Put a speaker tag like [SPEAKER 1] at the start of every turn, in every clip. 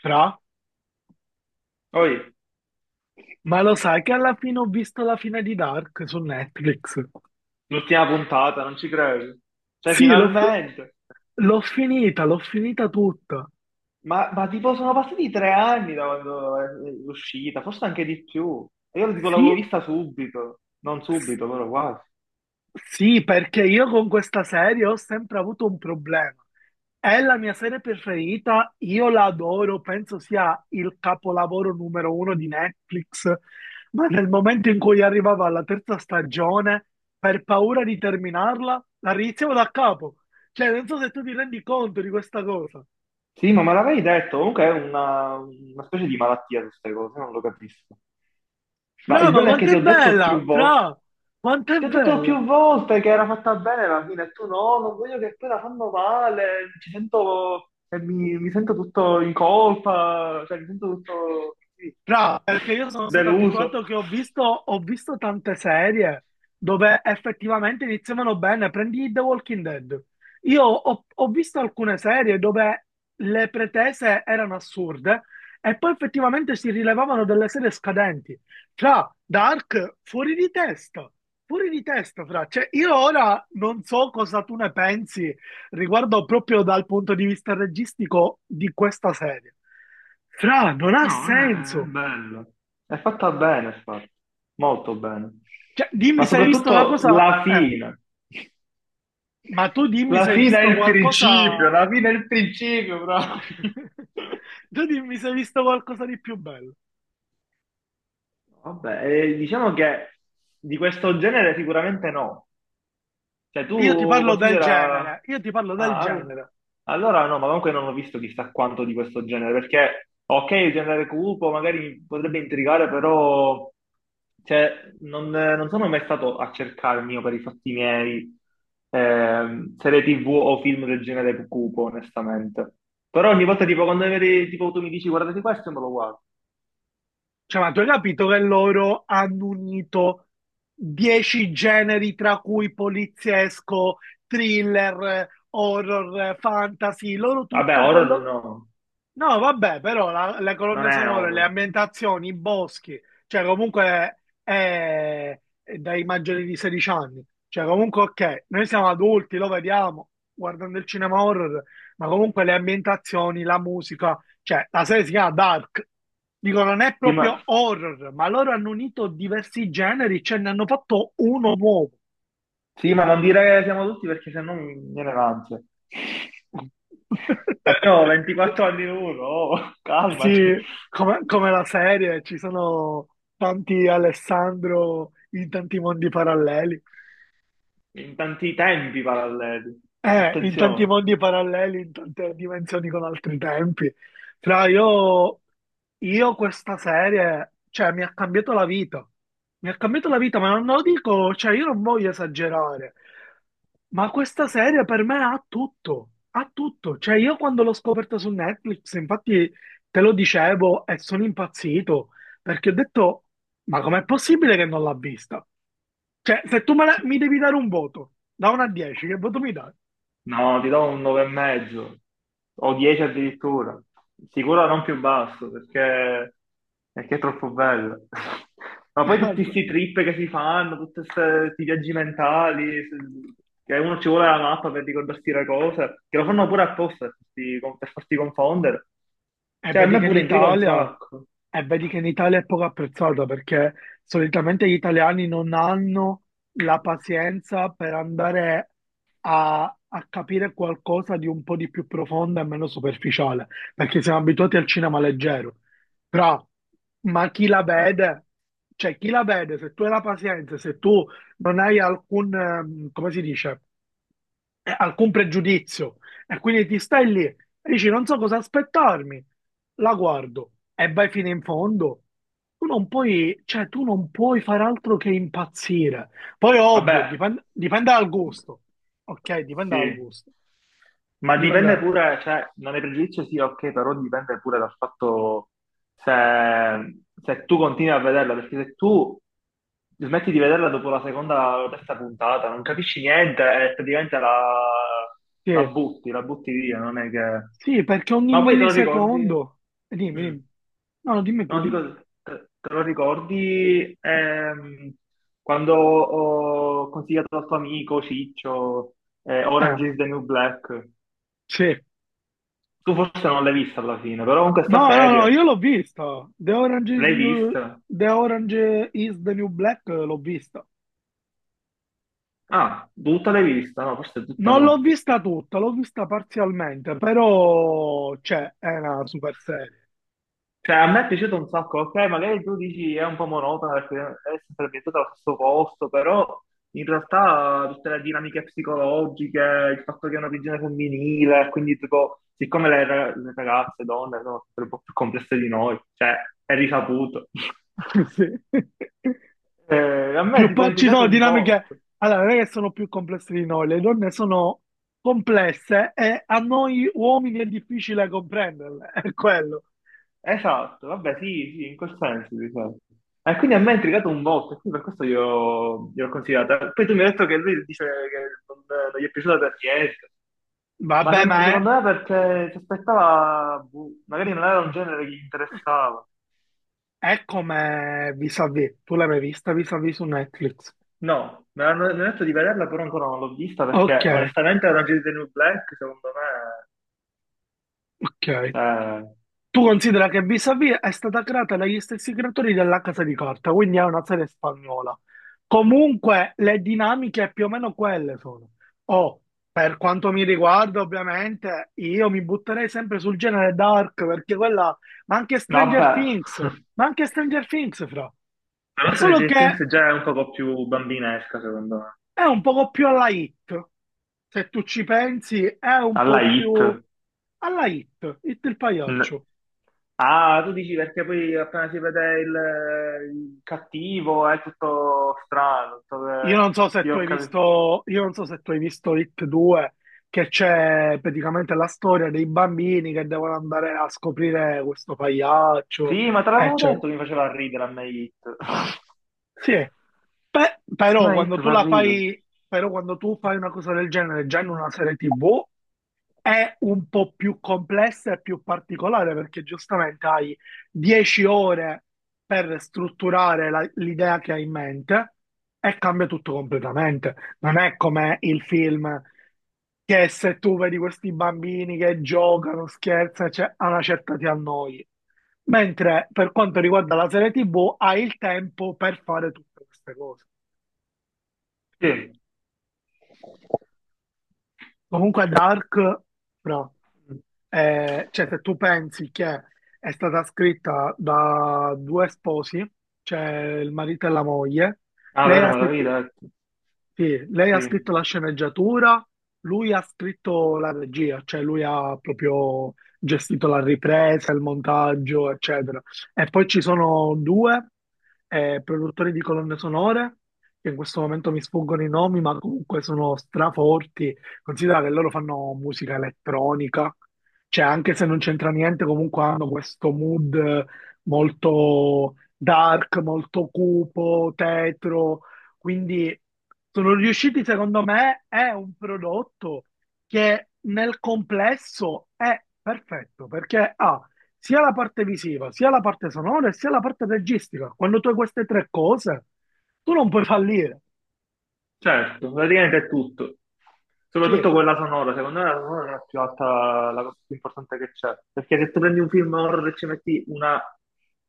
[SPEAKER 1] Fra?
[SPEAKER 2] Poi,
[SPEAKER 1] Ma lo sai che alla fine ho visto la fine di Dark su Netflix?
[SPEAKER 2] l'ultima puntata, non ci credo. Cioè,
[SPEAKER 1] Sì,
[SPEAKER 2] finalmente.
[SPEAKER 1] l'ho finita tutta.
[SPEAKER 2] Ma tipo sono passati tre anni da quando è uscita, forse anche di più. E io tipo l'avevo
[SPEAKER 1] Sì,
[SPEAKER 2] vista subito, non
[SPEAKER 1] s-
[SPEAKER 2] subito, però quasi.
[SPEAKER 1] sì, perché io con questa serie ho sempre avuto un problema. È la mia serie preferita, io la adoro, penso sia il capolavoro numero uno di Netflix, ma nel momento in cui arrivava alla terza stagione, per paura di terminarla, la riniziavo da capo. Cioè, non so se tu ti rendi conto di questa cosa.
[SPEAKER 2] Sì, ma me l'avevi detto, comunque è una specie di malattia queste cose, non lo capisco. Ma
[SPEAKER 1] Fra,
[SPEAKER 2] il
[SPEAKER 1] ma
[SPEAKER 2] bello è che
[SPEAKER 1] quanto
[SPEAKER 2] ti
[SPEAKER 1] è
[SPEAKER 2] ho detto
[SPEAKER 1] bella!
[SPEAKER 2] più volte.
[SPEAKER 1] Fra, quanto è
[SPEAKER 2] Ti ho detto
[SPEAKER 1] bella!
[SPEAKER 2] più volte che era fatta bene la fine, e tu no, non voglio che poi la fanno male, ci sento, e mi sento tutto in colpa, cioè mi sento tutto sì,
[SPEAKER 1] Tra, perché io sono stato
[SPEAKER 2] deluso.
[SPEAKER 1] abituato che ho visto tante serie dove effettivamente iniziavano bene. Prendi The Walking Dead. Io ho visto alcune serie dove le pretese erano assurde e poi effettivamente si rilevavano delle serie scadenti. Tra, Dark, fuori di testa. Fuori di testa, fra. Cioè, io ora non so cosa tu ne pensi riguardo proprio dal punto di vista registico di questa serie. Fra, non ha
[SPEAKER 2] No, è
[SPEAKER 1] senso.
[SPEAKER 2] bello. È fatta bene, infatti, molto bene.
[SPEAKER 1] Cioè, dimmi
[SPEAKER 2] Ma
[SPEAKER 1] se hai visto una
[SPEAKER 2] soprattutto
[SPEAKER 1] cosa,
[SPEAKER 2] la fine.
[SPEAKER 1] ma tu dimmi se
[SPEAKER 2] La
[SPEAKER 1] hai
[SPEAKER 2] fine è
[SPEAKER 1] visto
[SPEAKER 2] il
[SPEAKER 1] qualcosa,
[SPEAKER 2] principio, la fine è il principio, però.
[SPEAKER 1] tu dimmi se hai visto qualcosa di più bello.
[SPEAKER 2] Vabbè, diciamo che di questo genere sicuramente no. Cioè,
[SPEAKER 1] Io ti
[SPEAKER 2] tu
[SPEAKER 1] parlo del
[SPEAKER 2] considera...
[SPEAKER 1] genere, io ti parlo del
[SPEAKER 2] Ah, al-
[SPEAKER 1] genere.
[SPEAKER 2] allora no, ma comunque non ho visto chissà quanto di questo genere, perché ok, il genere cupo magari mi potrebbe intrigare, però cioè, non, non sono mai stato a cercarmi io per i fatti miei serie TV o film del genere cupo, onestamente. Però ogni volta tipo quando magari, tipo, tu mi dici guardate questo, me lo guardo.
[SPEAKER 1] Cioè, ma tu hai capito che loro hanno unito 10 generi, tra cui poliziesco, thriller, horror, fantasy, loro
[SPEAKER 2] Vabbè,
[SPEAKER 1] tutto
[SPEAKER 2] horror
[SPEAKER 1] quello.
[SPEAKER 2] no,
[SPEAKER 1] No, vabbè, però le
[SPEAKER 2] non
[SPEAKER 1] colonne
[SPEAKER 2] è
[SPEAKER 1] sonore, le
[SPEAKER 2] horror.
[SPEAKER 1] ambientazioni, i boschi, cioè comunque è dai maggiori di 16 anni, cioè comunque ok, noi siamo adulti, lo vediamo guardando il cinema horror, ma comunque le ambientazioni, la musica, cioè la serie si chiama Dark, dico non è
[SPEAKER 2] Sì, ma-
[SPEAKER 1] proprio horror, ma loro hanno unito diversi generi, ce ne hanno fatto uno nuovo.
[SPEAKER 2] Sì, ma non dire che siamo tutti perché sennò mi viene l'ansia. Abbiamo 24 anni uno, oh, calmati.
[SPEAKER 1] Sì, come la serie, ci sono tanti Alessandro in tanti mondi paralleli.
[SPEAKER 2] In tanti tempi paralleli.
[SPEAKER 1] In tanti
[SPEAKER 2] Attenzione.
[SPEAKER 1] mondi paralleli, in tante dimensioni con altri tempi. Fra io questa serie, cioè, mi ha cambiato la vita. Mi ha cambiato la vita, ma non lo dico, cioè, io non voglio esagerare. Ma questa serie per me ha tutto, ha tutto. Cioè, io quando l'ho scoperta su Netflix, infatti te lo dicevo e sono impazzito, perché ho detto, ma com'è possibile che non l'ha vista? Cioè, se tu mi devi dare un voto, da 1 a 10, che voto mi dai?
[SPEAKER 2] No, ti do un 9 e mezzo o 10 addirittura. Sicuro non più basso perché è troppo bello. Ma poi
[SPEAKER 1] E
[SPEAKER 2] tutti questi trip che si fanno, tutti questi viaggi mentali, che uno ci vuole la mappa per ricordarsi le cose, che lo fanno pure apposta per per farti confondere. Cioè, a
[SPEAKER 1] vedi
[SPEAKER 2] me
[SPEAKER 1] che in
[SPEAKER 2] pure intriga un
[SPEAKER 1] Italia,
[SPEAKER 2] sacco.
[SPEAKER 1] e vedi che in Italia è poco apprezzata perché solitamente gli italiani non hanno la pazienza per andare a capire qualcosa di un po' di più profondo e meno superficiale, perché siamo abituati al cinema leggero. Però, ma chi la
[SPEAKER 2] Eh,
[SPEAKER 1] vede? Cioè, chi la vede? Se tu hai la pazienza, se tu non hai alcun, come si dice? Alcun pregiudizio. E quindi ti stai lì e dici non so cosa aspettarmi, la guardo e vai fino in fondo. Tu non puoi, cioè, tu non puoi fare altro che impazzire. Poi ovvio,
[SPEAKER 2] Vabbè,
[SPEAKER 1] dipende dal gusto. Ok, dipende dal
[SPEAKER 2] sì.
[SPEAKER 1] gusto.
[SPEAKER 2] Ma dipende
[SPEAKER 1] Dipende.
[SPEAKER 2] pure, cioè, non è pregiudizio sì, ok, però dipende pure dal fatto se, se tu continui a vederla, perché se tu smetti di vederla dopo la seconda o terza puntata, non capisci niente e praticamente
[SPEAKER 1] Sì.
[SPEAKER 2] la butti via, non è che...
[SPEAKER 1] Sì, perché ogni
[SPEAKER 2] Ma poi te lo ricordi?
[SPEAKER 1] millisecondo. Dimmi,
[SPEAKER 2] Mm.
[SPEAKER 1] dimmi. No, no, dimmi tu,
[SPEAKER 2] No, dico,
[SPEAKER 1] dimmi.
[SPEAKER 2] te lo ricordi quando ho consigliato al tuo amico Ciccio
[SPEAKER 1] Eh,
[SPEAKER 2] Orange is the New Black?
[SPEAKER 1] sì.
[SPEAKER 2] Tu forse non l'hai vista alla fine, però con questa
[SPEAKER 1] No, no, no,
[SPEAKER 2] serie
[SPEAKER 1] io l'ho vista. The Orange is,
[SPEAKER 2] l'hai
[SPEAKER 1] New-
[SPEAKER 2] vista?
[SPEAKER 1] The Orange is the New Black l'ho vista.
[SPEAKER 2] Ah, tutta l'hai vista? No, forse tutta
[SPEAKER 1] Non l'ho
[SPEAKER 2] no.
[SPEAKER 1] vista tutta, l'ho vista parzialmente, però cioè, è una super serie.
[SPEAKER 2] Cioè, a me è piaciuto un sacco, ok, magari tu dici è un po' monotona perché è sempre ambientata allo stesso posto, però in realtà tutte le dinamiche psicologiche, il fatto che è una prigione femminile, quindi tipo, siccome le ragazze, donne, sono sempre un po' più complesse di noi, cioè, è risaputo.
[SPEAKER 1] Sì.
[SPEAKER 2] A me è
[SPEAKER 1] Più
[SPEAKER 2] tipo è
[SPEAKER 1] pa- ci
[SPEAKER 2] intrigato
[SPEAKER 1] sono
[SPEAKER 2] un po'.
[SPEAKER 1] dinamiche, allora, non è che sono più complesse di noi, le donne sono complesse e a noi uomini è difficile comprenderle, è quello.
[SPEAKER 2] Esatto, vabbè, sì, sì, in quel senso, diciamo. E quindi a me ha intrigato un botto, e quindi per questo gliel'ho consigliata. Poi tu mi hai detto che lui dice che non, non gli è piaciuta per niente, ma
[SPEAKER 1] Vabbè, ma è,
[SPEAKER 2] secondo me perché si aspettava, boh, magari non era un genere che gli interessava.
[SPEAKER 1] è come vis-à-vis, tu l'hai mai vista vis-à-vis su Netflix?
[SPEAKER 2] No, mi hanno detto di vederla, però ancora non l'ho vista
[SPEAKER 1] Ok,
[SPEAKER 2] perché onestamente Orange is the New Black, secondo me,
[SPEAKER 1] ok.
[SPEAKER 2] cioè,
[SPEAKER 1] Tu considera che Vis-a-Vis è stata creata dagli stessi creatori della Casa di Carta, quindi è una serie spagnola. Comunque le dinamiche più o meno quelle sono. O, per quanto mi riguarda, ovviamente, io mi butterei sempre sul genere dark, perché quella... Ma anche Stranger
[SPEAKER 2] vabbè,
[SPEAKER 1] Things, ma anche Stranger Things, fra.
[SPEAKER 2] la nostra
[SPEAKER 1] Solo
[SPEAKER 2] Stranger
[SPEAKER 1] che
[SPEAKER 2] Things già è un poco più bambinesca, secondo me.
[SPEAKER 1] è un poco più alla hit, se tu ci pensi, è un
[SPEAKER 2] Alla
[SPEAKER 1] po'
[SPEAKER 2] Hit.
[SPEAKER 1] più alla hit, hit il pagliaccio.
[SPEAKER 2] Ah, tu dici perché poi appena si vede il cattivo è tutto strano, tutto
[SPEAKER 1] Io
[SPEAKER 2] che...
[SPEAKER 1] non so se
[SPEAKER 2] Sì,
[SPEAKER 1] tu
[SPEAKER 2] ho
[SPEAKER 1] hai
[SPEAKER 2] capito.
[SPEAKER 1] visto, io non so se tu hai visto It 2, che c'è praticamente la storia dei bambini che devono andare a scoprire questo pagliaccio,
[SPEAKER 2] Sì, ma te l'avevo
[SPEAKER 1] eccetera.
[SPEAKER 2] detto che mi faceva ridere a me Hit.
[SPEAKER 1] Sì,
[SPEAKER 2] A
[SPEAKER 1] però
[SPEAKER 2] me Hit
[SPEAKER 1] quando tu
[SPEAKER 2] fa
[SPEAKER 1] la
[SPEAKER 2] ridere.
[SPEAKER 1] fai, però quando tu fai una cosa del genere già in una serie TV, è un po' più complessa e più particolare perché giustamente hai 10 ore per strutturare l'idea che hai in mente e cambia tutto completamente. Non è come il film che se tu vedi questi bambini che giocano, scherzano, cioè, a una certa ti annoi. Mentre per quanto riguarda la serie TV, hai il tempo per fare tutte queste cose.
[SPEAKER 2] Sì.
[SPEAKER 1] Comunque Dark, però, cioè se tu pensi che è stata scritta da due sposi, cioè il marito e la moglie,
[SPEAKER 2] Ah,
[SPEAKER 1] lei
[SPEAKER 2] vero,
[SPEAKER 1] ha
[SPEAKER 2] me l'avevi
[SPEAKER 1] scritto,
[SPEAKER 2] detto.
[SPEAKER 1] sì, lei ha
[SPEAKER 2] Sì.
[SPEAKER 1] scritto la sceneggiatura, lui ha scritto la regia, cioè lui ha proprio gestito la ripresa, il montaggio, eccetera. E poi ci sono due produttori di colonne sonore, che in questo momento mi sfuggono i nomi, ma comunque sono straforti. Considera che loro fanno musica elettronica, cioè anche se non c'entra niente, comunque hanno questo mood molto dark, molto cupo, tetro, quindi sono riusciti, secondo me, è un prodotto che nel complesso è perfetto perché ha sia la parte visiva, sia la parte sonora e sia la parte registica. Quando tu hai queste tre cose, tu non puoi fallire.
[SPEAKER 2] Certo, praticamente è tutto.
[SPEAKER 1] Sì,
[SPEAKER 2] Soprattutto quella sonora, secondo me la sonora è la più alta, la cosa più importante che c'è. Perché se tu prendi un film horror e ci metti una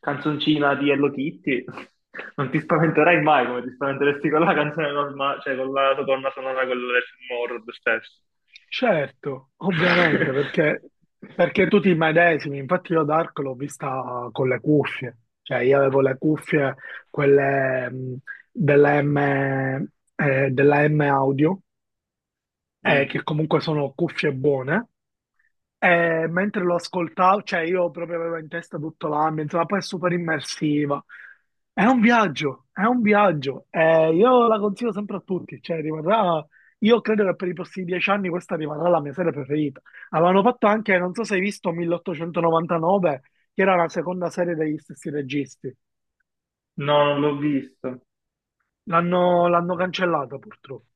[SPEAKER 2] canzoncina di Hello Kitty, non ti spaventerai mai come ti spaventeresti con la canzone normale, cioè con la colonna sonora, quella del film horror stesso.
[SPEAKER 1] certo, ovviamente, perché, perché tu ti medesimi. Infatti io Dark l'ho vista con le cuffie. Cioè io avevo le cuffie, quelle della M, della M Audio
[SPEAKER 2] Mm.
[SPEAKER 1] che comunque sono cuffie buone. E mentre lo ascoltavo, cioè io proprio avevo in testa tutto l'ambiente, ma poi è super immersiva. È un viaggio, è un viaggio. E io la consiglio sempre a tutti, cioè rimarrà, io credo che per i prossimi 10 anni questa rimarrà la mia serie preferita. Avevano fatto anche, non so se hai visto, 1899, che era la seconda serie degli stessi registi.
[SPEAKER 2] No, non l'ho visto.
[SPEAKER 1] L'hanno cancellata purtroppo.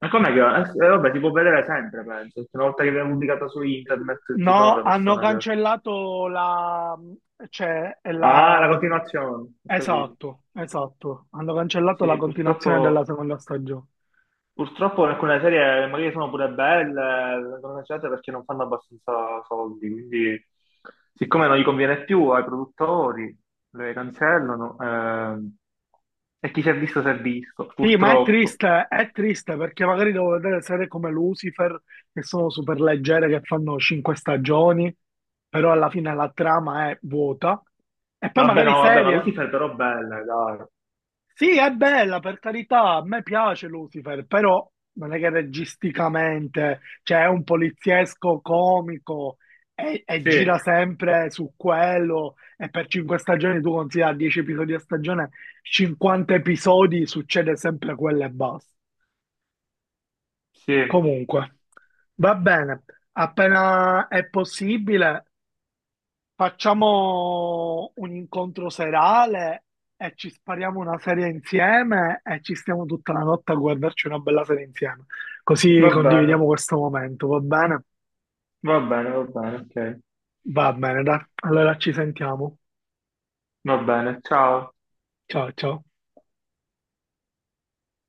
[SPEAKER 2] Ma com'è che... vabbè, si può vedere sempre, penso. Perché una volta che viene pubblicata su internet ci sono
[SPEAKER 1] No,
[SPEAKER 2] le
[SPEAKER 1] hanno
[SPEAKER 2] persone.
[SPEAKER 1] cancellato la... cioè
[SPEAKER 2] Ah,
[SPEAKER 1] la...
[SPEAKER 2] la continuazione, ho capito.
[SPEAKER 1] Esatto, esatto. Hanno cancellato la
[SPEAKER 2] Sì,
[SPEAKER 1] continuazione della
[SPEAKER 2] purtroppo,
[SPEAKER 1] seconda stagione.
[SPEAKER 2] purtroppo alcune serie magari sono pure belle, vengono cancellate perché non fanno abbastanza soldi, quindi siccome non gli conviene più ai produttori, le cancellano, e chi si è visto,
[SPEAKER 1] Sì, ma
[SPEAKER 2] purtroppo.
[SPEAKER 1] è triste perché magari devo vedere serie come Lucifer, che sono super leggere, che fanno 5 stagioni, però alla fine la trama è vuota. E poi
[SPEAKER 2] Vabbè,
[SPEAKER 1] magari
[SPEAKER 2] no, vabbè, ma
[SPEAKER 1] serie.
[SPEAKER 2] Lucifer però bella, dai.
[SPEAKER 1] Sì, è bella, per carità, a me piace Lucifer, però non è che registicamente, cioè è un poliziesco comico e
[SPEAKER 2] Sì,
[SPEAKER 1] gira sempre su quello e per 5 stagioni tu considera 10 episodi a stagione, 50 episodi succede sempre quello e basta.
[SPEAKER 2] sì,
[SPEAKER 1] Comunque, va bene, appena è possibile facciamo un incontro serale e ci spariamo una serie insieme e ci stiamo tutta la notte a guardarci una bella serie insieme. Così
[SPEAKER 2] va bene,
[SPEAKER 1] condividiamo questo momento, va bene?
[SPEAKER 2] va bene, va bene, ok,
[SPEAKER 1] Va bene, dai. Allora ci sentiamo.
[SPEAKER 2] va bene, ciao.
[SPEAKER 1] Ciao, ciao.